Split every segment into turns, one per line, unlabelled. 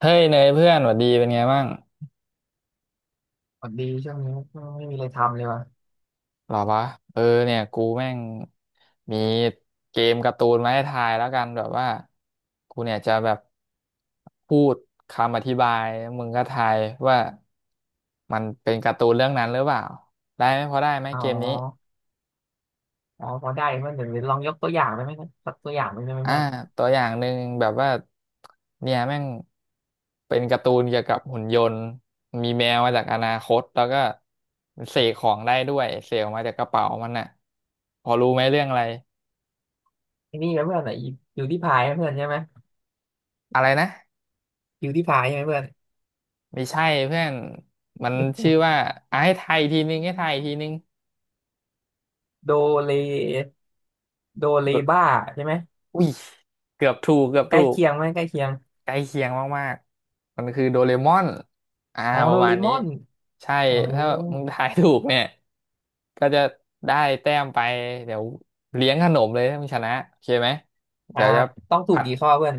เฮ้ยเนยเพื่อนหวัดดีเป็นไงบ้าง
พอดีช่วงนี้ไม่มีอะไรทำเลยวะ
หรอวะเออเนี่ยกูแม่งมีเกมการ์ตูนมาให้ทายแล้วกันแบบว่ากูเนี่ยจะแบบพูดคำอธิบายแล้วมึงก็ทายว่ามันเป็นการ์ตูนเรื่องนั้นหรือเปล่าได้ไหมพอได้ไหม
อ๋อ
เกมนี้
อ๋อพอได้เพื่อนเดี๋ยวลองยกตัวอย่างได้ไหมนะสักตัวอย่างหนึ่งได้ไหม
อ่า
เพื่อน
ตัวอย่างหนึ่งแบบว่าเนี่ยแม่งเป็นการ์ตูนเกี่ยวกับหุ่นยนต์มีแมวมาจากอนาคตแล้วก็เสกของได้ด้วยเสกออกมาจากกระเป๋ามันน่ะพอรู้ไหมเรื่องอะไร
ไอ้นี่ไหมเพื่อนไหนบิวตี้พายเพื่อนใช่ไหม
อะไรนะ
บิวตี้พายใช่ไหมเพื่อน
ไม่ใช่เพื่อนมันชื่อว่าอ่ะให้ไทายอีกทีนึงให้ไทายอีกทีนึง
โดเลโดเลบ้าใช่ไหม
อุ้ยเกือบถูกเกือบ
ใกล้
ถูก
เคียงไหมใกล้เคียง
ใกล้เคียงมากๆ มันคือโดเรมอนอ่า
อ๋อ
ป
โด
ระมา
เร
ณ
ม
นี้
อน
ใช่
อ๋อ
ถ้ามึงทายถูกเนี่ย ก็จะได้แต้มไปเดี๋ยวเลี้ยงขนมเลยถ้ามึงชนะโอเคไหม
อ่า
เดี๋ยวจะ
ต้องถูก
ผัด
กี่ข้อเพื่อน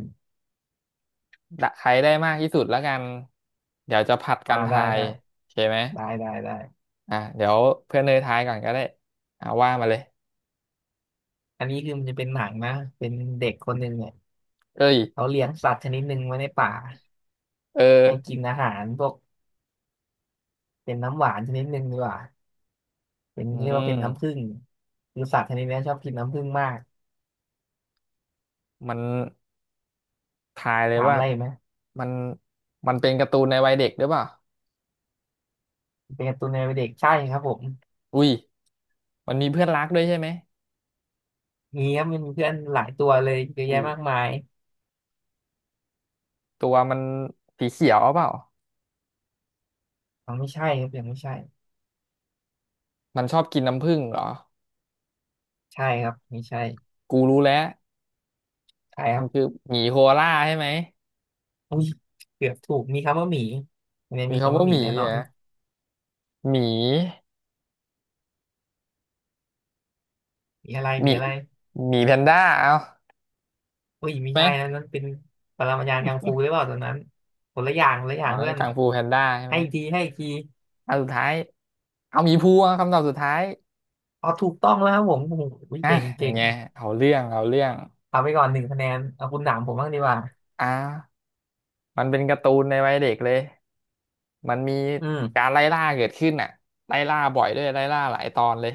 ใครได้มากที่สุดแล้วกันเดี๋ยวจะผัด
อ่า
กัน
ได้
ทาย
ได้
โอเคไหม
ได้ได้ได้
อ่ะเดี๋ยวเพื่อนเนยทายก่อนก็ได้ว่ามาเลย
อันนี้คือมันจะเป็นหนังนะเป็นเด็กคนหนึ่งเนี่ย
เอ้ย
เขาเลี้ยงสัตว์ชนิดหนึ่งไว้ในป่า
เออ
ให้กินอาหารพวกเป็นน้ำหวานชนิดหนึ่งดีกว่า เป็น
อื
เรียกว่าเป็นน้ำผึ้
ม
งคือสัตว์ชนิดนี้ชอบกินน้ำผึ้งมาก
มันทายเลย
ถาม
ว่า
อะไรไหม
มันมันเป็นการ์ตูนในวัยเด็กหรือเปล่า
เป็นการ์ตูนในวัยเด็กใช่ครับผม
อุ้ยมันมีเพื่อนรักด้วยใช่ไหม
มีครับมนีเพื่อนหลายตัวเลยเยอะ
อุ้
แยะ
ย
มากมาย
ตัวมันสีเขียวเปล่า
อังไม่ใช่ครับยังไม่ใช่
มันชอบกินน้ำผึ้งเหรอ
ใช่ครับไม่ใช่
กูรู้แล้ว
ใช่ครั
มั
บ
นคือหมีโคอาล่าใช่ไหม
อุ้ยเกือบถูกมีคำว่าหมีอันนี้
มี
มี
คำ
คำว่า
ว่า
ห
ห
มี
มี
แน่น
เห
อ
ร
น
อ่ะหมี
มีอะไร
หมี
มีอะไร
หมีแพนด้าเอา
อุ้ย
ใช่
ไม่
ไหม
ใช่นะนั่นเป็นปรมาจารย์กังฟูหรือเปล่าตอนนั้นคนละอย่างคนละอ
อ๋
ย่า
อ
ง
นั้
เพื่
น
อน
กังฟูแพนด้าใช่
ให้
ไหม
อีกทีให้อีกที
อันสุดท้ายเอาหมีภูอ่ะคำตอบสุดท้าย
อ๋อถูกต้องแล้วครับผมโอ้โห
อ่ะ
เก่ง
อย่า
เก่
ง
ง
เงี้ยเอาเรื่องเอาเรื่อง
เอาไปก่อนหนึ่งคะแนนเอาคุณถามผมบ้างดีกว่า
อ่ามันเป็นการ์ตูนในวัยเด็กเลยมันมี
อื
กา
ม
รไล่ล่าเกิดขึ้นอ่ะไล่ล่าบ่อยด้วยไล่ล่าหลายตอนเลย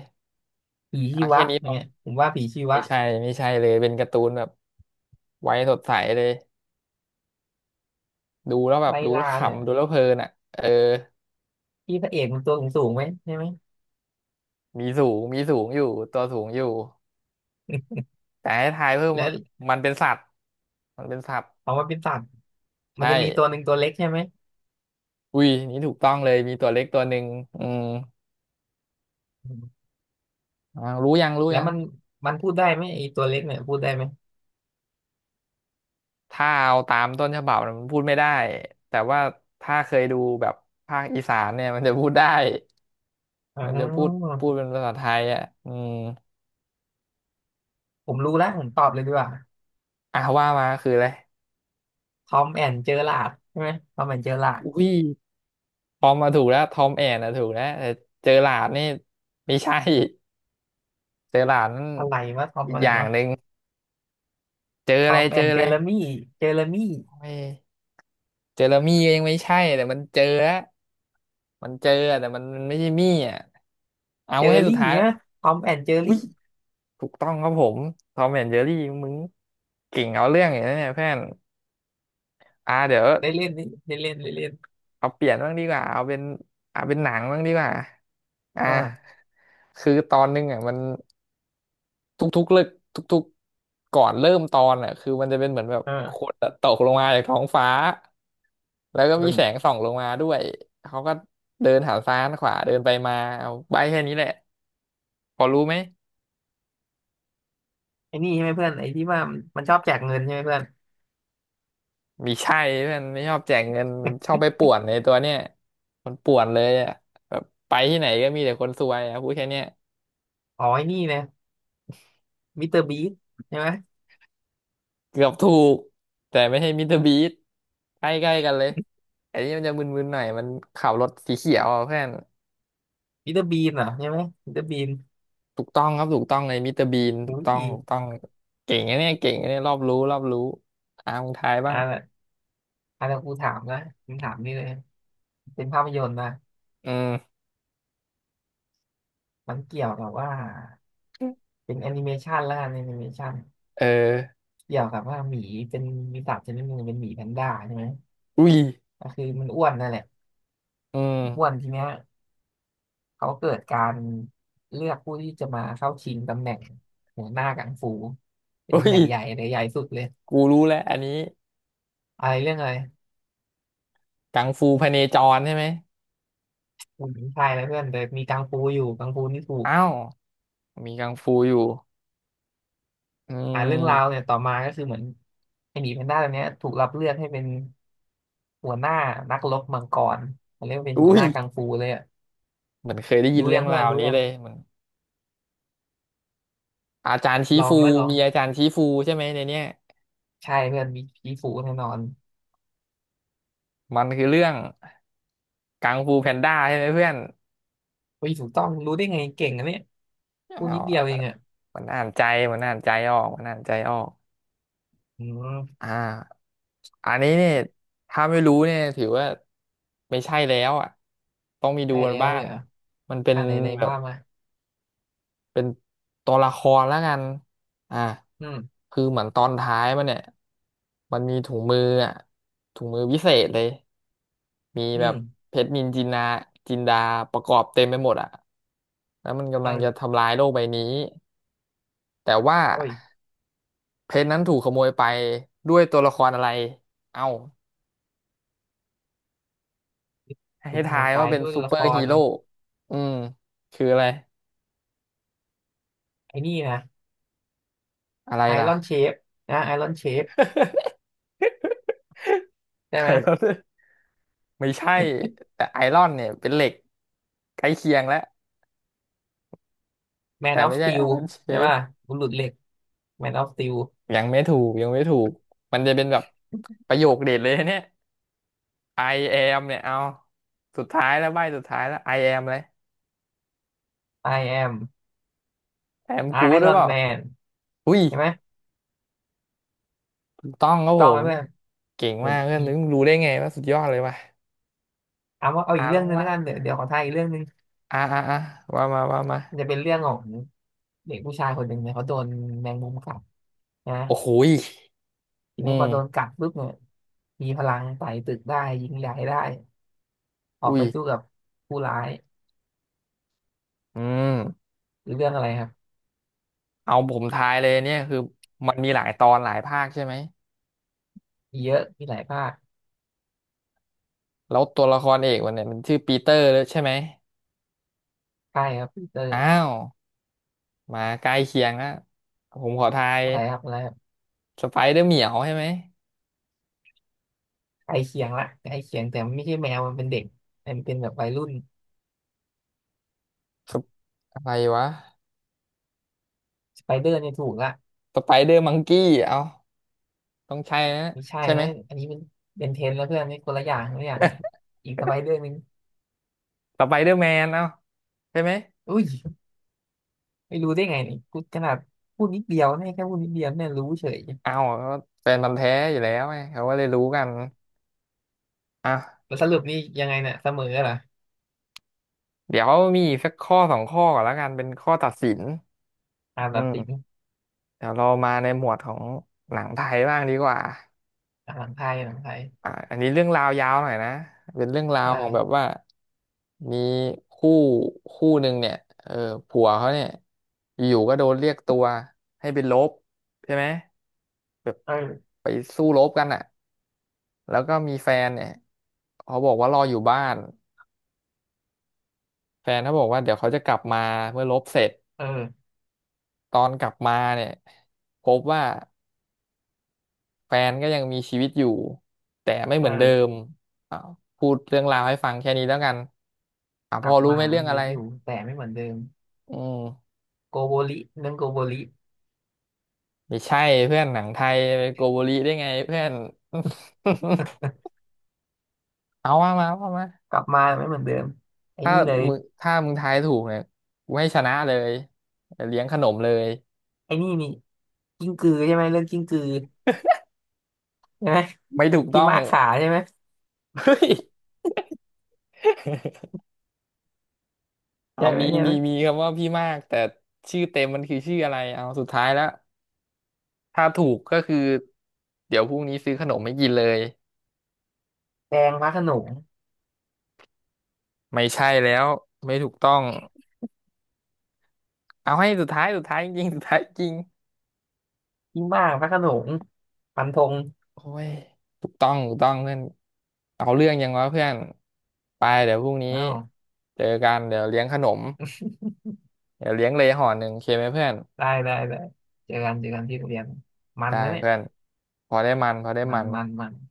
ผี
อ่ะ
ชี
แค่
วะ
นี้พอ
เนี่ยผมว่าผีชีวะ
ไม่ใช่ไม่ใช่เลยเป็นการ์ตูนแบบไว้สดใสเลยดูแล้วแบบ
ไล่
ดูแล้
ล่า
ว
เนี่ย
ขำดูแล้วเพลินอ่ะเออ
ที่พระเอกมันตัวสูงสูงไหมใช่ไหม
มีสูงมีสูงอยู่ตัวสูงอยู่แต่ให้ทายเพิ่ม
แล้
ว่า
ว
มันเป็นสัตว์มันเป็นสัตว์
ออกมาเป็นสัตว์มั
ใช่
นจะมีตัวหนึ่งตัวเล็กใช่ไหม
อุ้ยนี่ถูกต้องเลยมีตัวเล็กตัวหนึ่งอืม
อืม
รู้ยังรู้
แล้ว
ยัง
มันพูดได้ไหมไอ้ตัวเล็กเนี่ยพูดได้ไหม
ถ้าเอาตามต้นฉบับน่ะมันพูดไม่ได้แต่ว่าถ้าเคยดูแบบภาคอีสานเนี่ยมันจะพูดได้
อ๋
มันจะพูด
อ
พูดเป็นภาษาไทยอ่ะอืม
ผมรู้แล้วผมตอบเลยดีกว่า
อ่ะว่ามาคืออะไร
ทอมแอนเจอราร์ดใช่ไหมทอมแอนเจอราร์ด
อุ้ยทอมมาถูกแล้วทอมแอนนะถูกแล้วแต่เจอหลาดนี่ไม่ใช่เจอหลาดนั่น
อะไรวะทอม
อีก
อะไร
อย่าง
วะ
หนึ่ง เจอ
ท
อะ
อ
ไร
มแอ
เจอ
นเจ
อะ
อ
ไร
ร์มี่เจอร์มี่
โอ้ยเจอแล้วมี่ก็ยังไม่ใช่แต่มันเจอแล้วมันเจออะแต่มันไม่ใช่มี่อ่ะเอา
เจอ
ไว้ให้สุด
รี่
ท้ายแล้ว
ฮะทอมแอนเจอ
อุ้ย
รี่
ถูกต้องครับผมทอมแอนเจอรี่มึงเก่งเอาเรื่องอย่างนี้เนี่ยเพื่อนเดี๋ยว
ได้เล่นนี่ได้เล่นได้เล่น
เอาเปลี่ยนบ้างดีกว่าเอาเป็นเอาเป็นหนังบ้างดีกว่าอ่า
อ่า
คือตอนนึงอ่ะมัน ทุกๆเลิกทุกๆก่อนเริ่มตอนอ่ะคือมันจะเป็นเหมือนแบบ
เอ
ขว
อ
ดอะตกลงมาจากท้องฟ้าแล้วก็
เอ้
มี
ย
แสงส่องลงมาด้วยเขาก็เดินหันซ้ายหันขวาเดินไปมาเอาใบแค่นี้แหละพอรู้ไหม
ไอ้นี่ใช่ไหมเพื่อนไอ้ที่ว่ามันชอบแจกเงินใช่ไหมเพื่อน
มีใช่เพื่อนไม่ชอบแจกเงินมันชอบไปป่วนในตัวเนี่ยมันป่วนเลยอ่ะแบบไปที่ไหนก็มีแต่คนซวยอ่ะพูดแค่เนี้ย
อ๋อไอ้นี่นะ มิสเตอร์บีนใช่ไหม
เกือบถูกแต่ไม่ใช่มิสเตอร์บีสใกล้ๆกันเลยไอ้นี่มันจะมึนๆหน่อยมันขับรถสีเขียวอะเพื่อน
มิสเตอร์บีนเหรอใช่ไหมมิสเตอร์บีน
ถูกต้องครับถูกต้องในมิสเตอร์บีนถู
อุ้
กต้อง
ย
ถูก
อ
ต้องเก่งนะเนี่ยเก่งนะเนี่ยรอบรู้รอบรู้อามึงทาย
อ
บ้าง
่าอันนี้นกูถามนะผมถามนี่เลย เป็นภาพยนตร์นะ
อืม
มันเกี่ยวกับว่าเป็นแอนิเมชันแล้วกันแอนิเมชัน
เออ
เกี่ยวกับว่าหมีเป็นมีสัตว์ชนิดหนึ่งเป็นหมีแพนด้าใช่ไหม
อุ้ย
ก็คือมันอ้วนนั่นแหละ
อืม
อ้วนทีเนี้ยเขาเกิดการเลือกผู้ที่จะมาเข้าชิงตำแหน่งหัวหน้ากังฟูเป็น
อุ้
ตำแห
ย
น่งใหญ่เลยใหญ่สุดเลย
กูรู้แล้วอันนี้
อะไรเรื่องอะไร
กังฟูพเนจรใช่ไหม
ผมชายนะเพื่อนแต่มีกังฟูอยู่กังฟูนี่ถูก
อ้าวมีกังฟูอยู่อื
อ่านเรื่อง
ม
ราวเนี่ยต่อมาก็คือเหมือนไอ้หมีแพนด้าตัวเนี้ยถูกรับเลือกให้เป็นหัวหน้านักรบมังกรเขาเรียกว่าเป็นหัว
อุ้
ห
ย
น้ากังฟูเลยอะ
เหมือนเคยได้ยิน
รู้
เรื่
ยั
อ
ง
ง
เพื่
รา
อน
ว
รู้
นี้
ยัง
เลยเหมือนอาจารย์ชี้
ลอ
ฟู
งไหมลอง
มีอาจารย์ชี้ฟูใช่ไหมในเนี้ย
ใช่เพื่อนมีผีฝูแน่นอน
มันคือเรื่องกังฟูแพนด้าใช่ไหมเพื่อน
ผีฝูต้องรู้ได้ไงเก่งอะเนี่ย
อ้า
พูดนิ
ว
ดเดียวเองอะ
มันอ่านใจมันอ่านใจออกมันอ่านใจออก
อืม
อ่าอันนี้เนี่ยถ้าไม่รู้เนี่ยถือว่าไม่ใช่แล้วอ่ะต้องมีดู
ใช่
กัน
แล้ว
บ้า
เล
ง
ยเหรอ
มันเป็น
อ่านไหนไหน
แบบ
บ้างมา
เป็นตัวละครแล้วกันอ่า
อืม
คือเหมือนตอนท้ายมันเนี่ยมันมีถุงมืออ่ะถุงมือวิเศษเลยมี
อื
แบบ
ม
เพชรนินจินดาจินดาประกอบเต็มไปหมดอ่ะแล้วมันกำลังจะ
อ่า
ทำลายโลกใบนี้แต่ว่า
โอ้ย
เพชรนั้นถูกขโมยไปด้วยตัวละครอะไรเอ้า
ถูก
ให้
ขโม
ทา
ย
ย
ไป
ว่าเป็น
ด้วย
ซู
ละ
เปอ
ค
ร์ฮี
ร
โร่อืมคืออะไร
ไอ้นี่นะ
อะไร
ไอ
ล่ะ
รอนเชฟนะไอรอนเชฟได้ไหม
ไม่ใช่ แต่ไอรอนเนี่ยเป็นเหล็กใกล้เคียงแล้ว
แมน
แต่
ออฟ
ไม่
ส
ใช่
ตี
ไอ
ล
รอนเช
ใช่
ฟ
ป่ะบุรุษเหล็กแมนออฟสตีล
ยังไม่ถูกยังไม่ถูก มันจะเป็นแบบประโยคเด็ดเลยเนี่ย I am เนี่ยเอา สุดท้ายแล้วใบสุดท้ายแล้ว I am เลย
I am
I am good หรือเป
Iron
ล่า
Man
อุ้ย
ใช่ไหม
ถูกต้องค
ถู
รั
ก
บ
ต้
ผ
อง
ม
ไหม
เก่ง
เพื่อน
มา
ห
ก
รือ
เพื่อน
มี
นึกรู้ได้ไงว่าสุดยอดเลยว่ะ
เอาว่าเอา
อ่า
อีก
ล
เรื่อ
อ
ง
ง
หนึ่ง
ว่า
แล้วกันเดี๋ยวขอทายอีกเรื่องหนึ่ง
อ่าอ่าอ่าว่ามาว่ามา
มันจะเป็นเรื่องของเด็กผู้ชายคนหนึ่งเนี่ยเขาโดนแมงมุมกัดนะ
โอ้โหย
ที
อื
นี้พอโดน
ม
กัดปุ๊บเนี่ยมีพลังไต่ตึกได้ยิงใหญ่ได้ออก
อุ้ย
ไปสู้กับผู้ร้าย
อืม
หรือเรื่องอะไรครับ
เอาผมทายเลยเนี่ยคือมันมีหลายตอนหลายภาคใช่ไหม
มีเยอะมีหลายภาค
แล้วตัวละครเอกมันเนี่ยมันชื่อปีเตอร์เลยใช่ไหม
ใช่ครับปีเตอร์
อ้าว มาใกล้เคียงแล้วผมขอทาย
อะไรครับอะไรครับ
สไปเดอร์เหมียวใช่ไหม
ใกล้เคียงละใกล้เคียงแต่มันไม่ใช่แมวมันเป็นเด็กมันเป็นแบบวัยรุ่น
สปอะไรวะ
สไปเดอร์เนี่ยถูกละ
สไปเดอร์มังกี้เอาต้องใช่นะ
ไม่ใช่
ใช่ไหม
นะอันนี้มันเป็นเทรนแล้วเพื่อนนี่คนละอย่างคนละอย่างกันอีกสบายเรื่องหนึง
สไปเดอร์แมนเอาใช่ไหม
อุ้ยไม่รู้ได้ไงนี่กูขนาดพูดนิดเดียวให้แค่พูดนิดเดียวเนี่ยรู้เฉย
เอาก็แฟนมันธุ์แท้อยู่แล้วไงเขาก็เลยรู้กันอ่ะ
แล้วสรุปนี่ยังไงเนี่ยเสมอเหรอ
เดี๋ยวมีอีกสักข้อสองข้อก่อนแล้วกันเป็นข้อตัดสิน
อ่าน
อื
แบบติง
มเดี๋ยวเรามาในหมวดของหนังไทยบ้างดีกว่า
อ่านหลังไทยหลังไทย
อ่าอันนี้เรื่องราวยาวหน่อยนะเป็นเรื่องรา
เอ
วของแบบ
อ
ว่ามีคู่คู่หนึ่งเนี่ยเออผัวเขาเนี่ยอยู่ๆก็โดนเรียกตัวให้ไปรบใช่ไหมแบบ
เออ
ไปสู้รบกันอ่ะแล้วก็มีแฟนเนี่ยเขาบอกว่ารออยู่บ้านแฟนเขาบอกว่าเดี๋ยวเขาจะกลับมาเมื่อรบเสร็จ
เออ
ตอนกลับมาเนี่ยพบว่า แฟนก็ยังมีชีวิตอยู่แต่ไม่เห
เอ
มือนเดิม
อ
อ่าพูดเรื่องราวให้ฟังแค่นี้แล้วกันอ่าพ
กลั
อ
บ
รู้
มา
ไหมเรื่อ
มี
ง
ชี
อะ
วิ
ไร
ตอยู่แต่ไม่เหมือนเดิม
อืม
โกโบริเรื่องโกโบริ
ไม่ใช่เพื่อนหนังไทยไปโกโบริได้ไงเพื่อน เอาว่ามาว่ามา
กลับมาไม่เหมือนเดิมไอ้
ถ้า
นี่เลย
มึงถ้ามึงทายถูกเนี่ยกูให้ชนะเลยเลี้ยงขนมเลย
ไอ้นี่นี่กิ้งกือใช่ไหมเรื่องกิ้งกือใช่ไหม
ไม่ถูก
พี่
ต้อง
มากขาใช่ไหม
เฮ้ย เอา
ใช่ไหม
มี
ใช่
มี
ไหม
มีคำว่าพี่มากแต่ชื่อเต็มมันคือชื่ออะไรเอาสุดท้ายแล้วถ้าถูกก็คือเดี๋ยวพรุ่งนี้ซื้อขนมม่กินเลย
แดงพระโขนง
ไม่ใช่แล้วไม่ถูกต้องเอาให้สุดท้ายสุดท้ายจริงสุดท้ายจริง
พี่มากพระโขนงฟันธง
โอ้ยถูกต้องถูกต้องเพื่อนเอาเรื่องยังวะเพื่อนไปเดี๋ยวพรุ่งนี้
อ้าว
เจอกันเดี๋ยวเลี้ยงขนมเดี๋ยวเลี้ยงเลยห่อหนึ่งโอเคไหมเพื่อน
ได้ได้ได้เจอกันเจอกันที่โรงเรียนมัน
ได้
นะเนี่ย
เพื่อนพอได้มันพอได้
มั
มั
น
น
มันมัน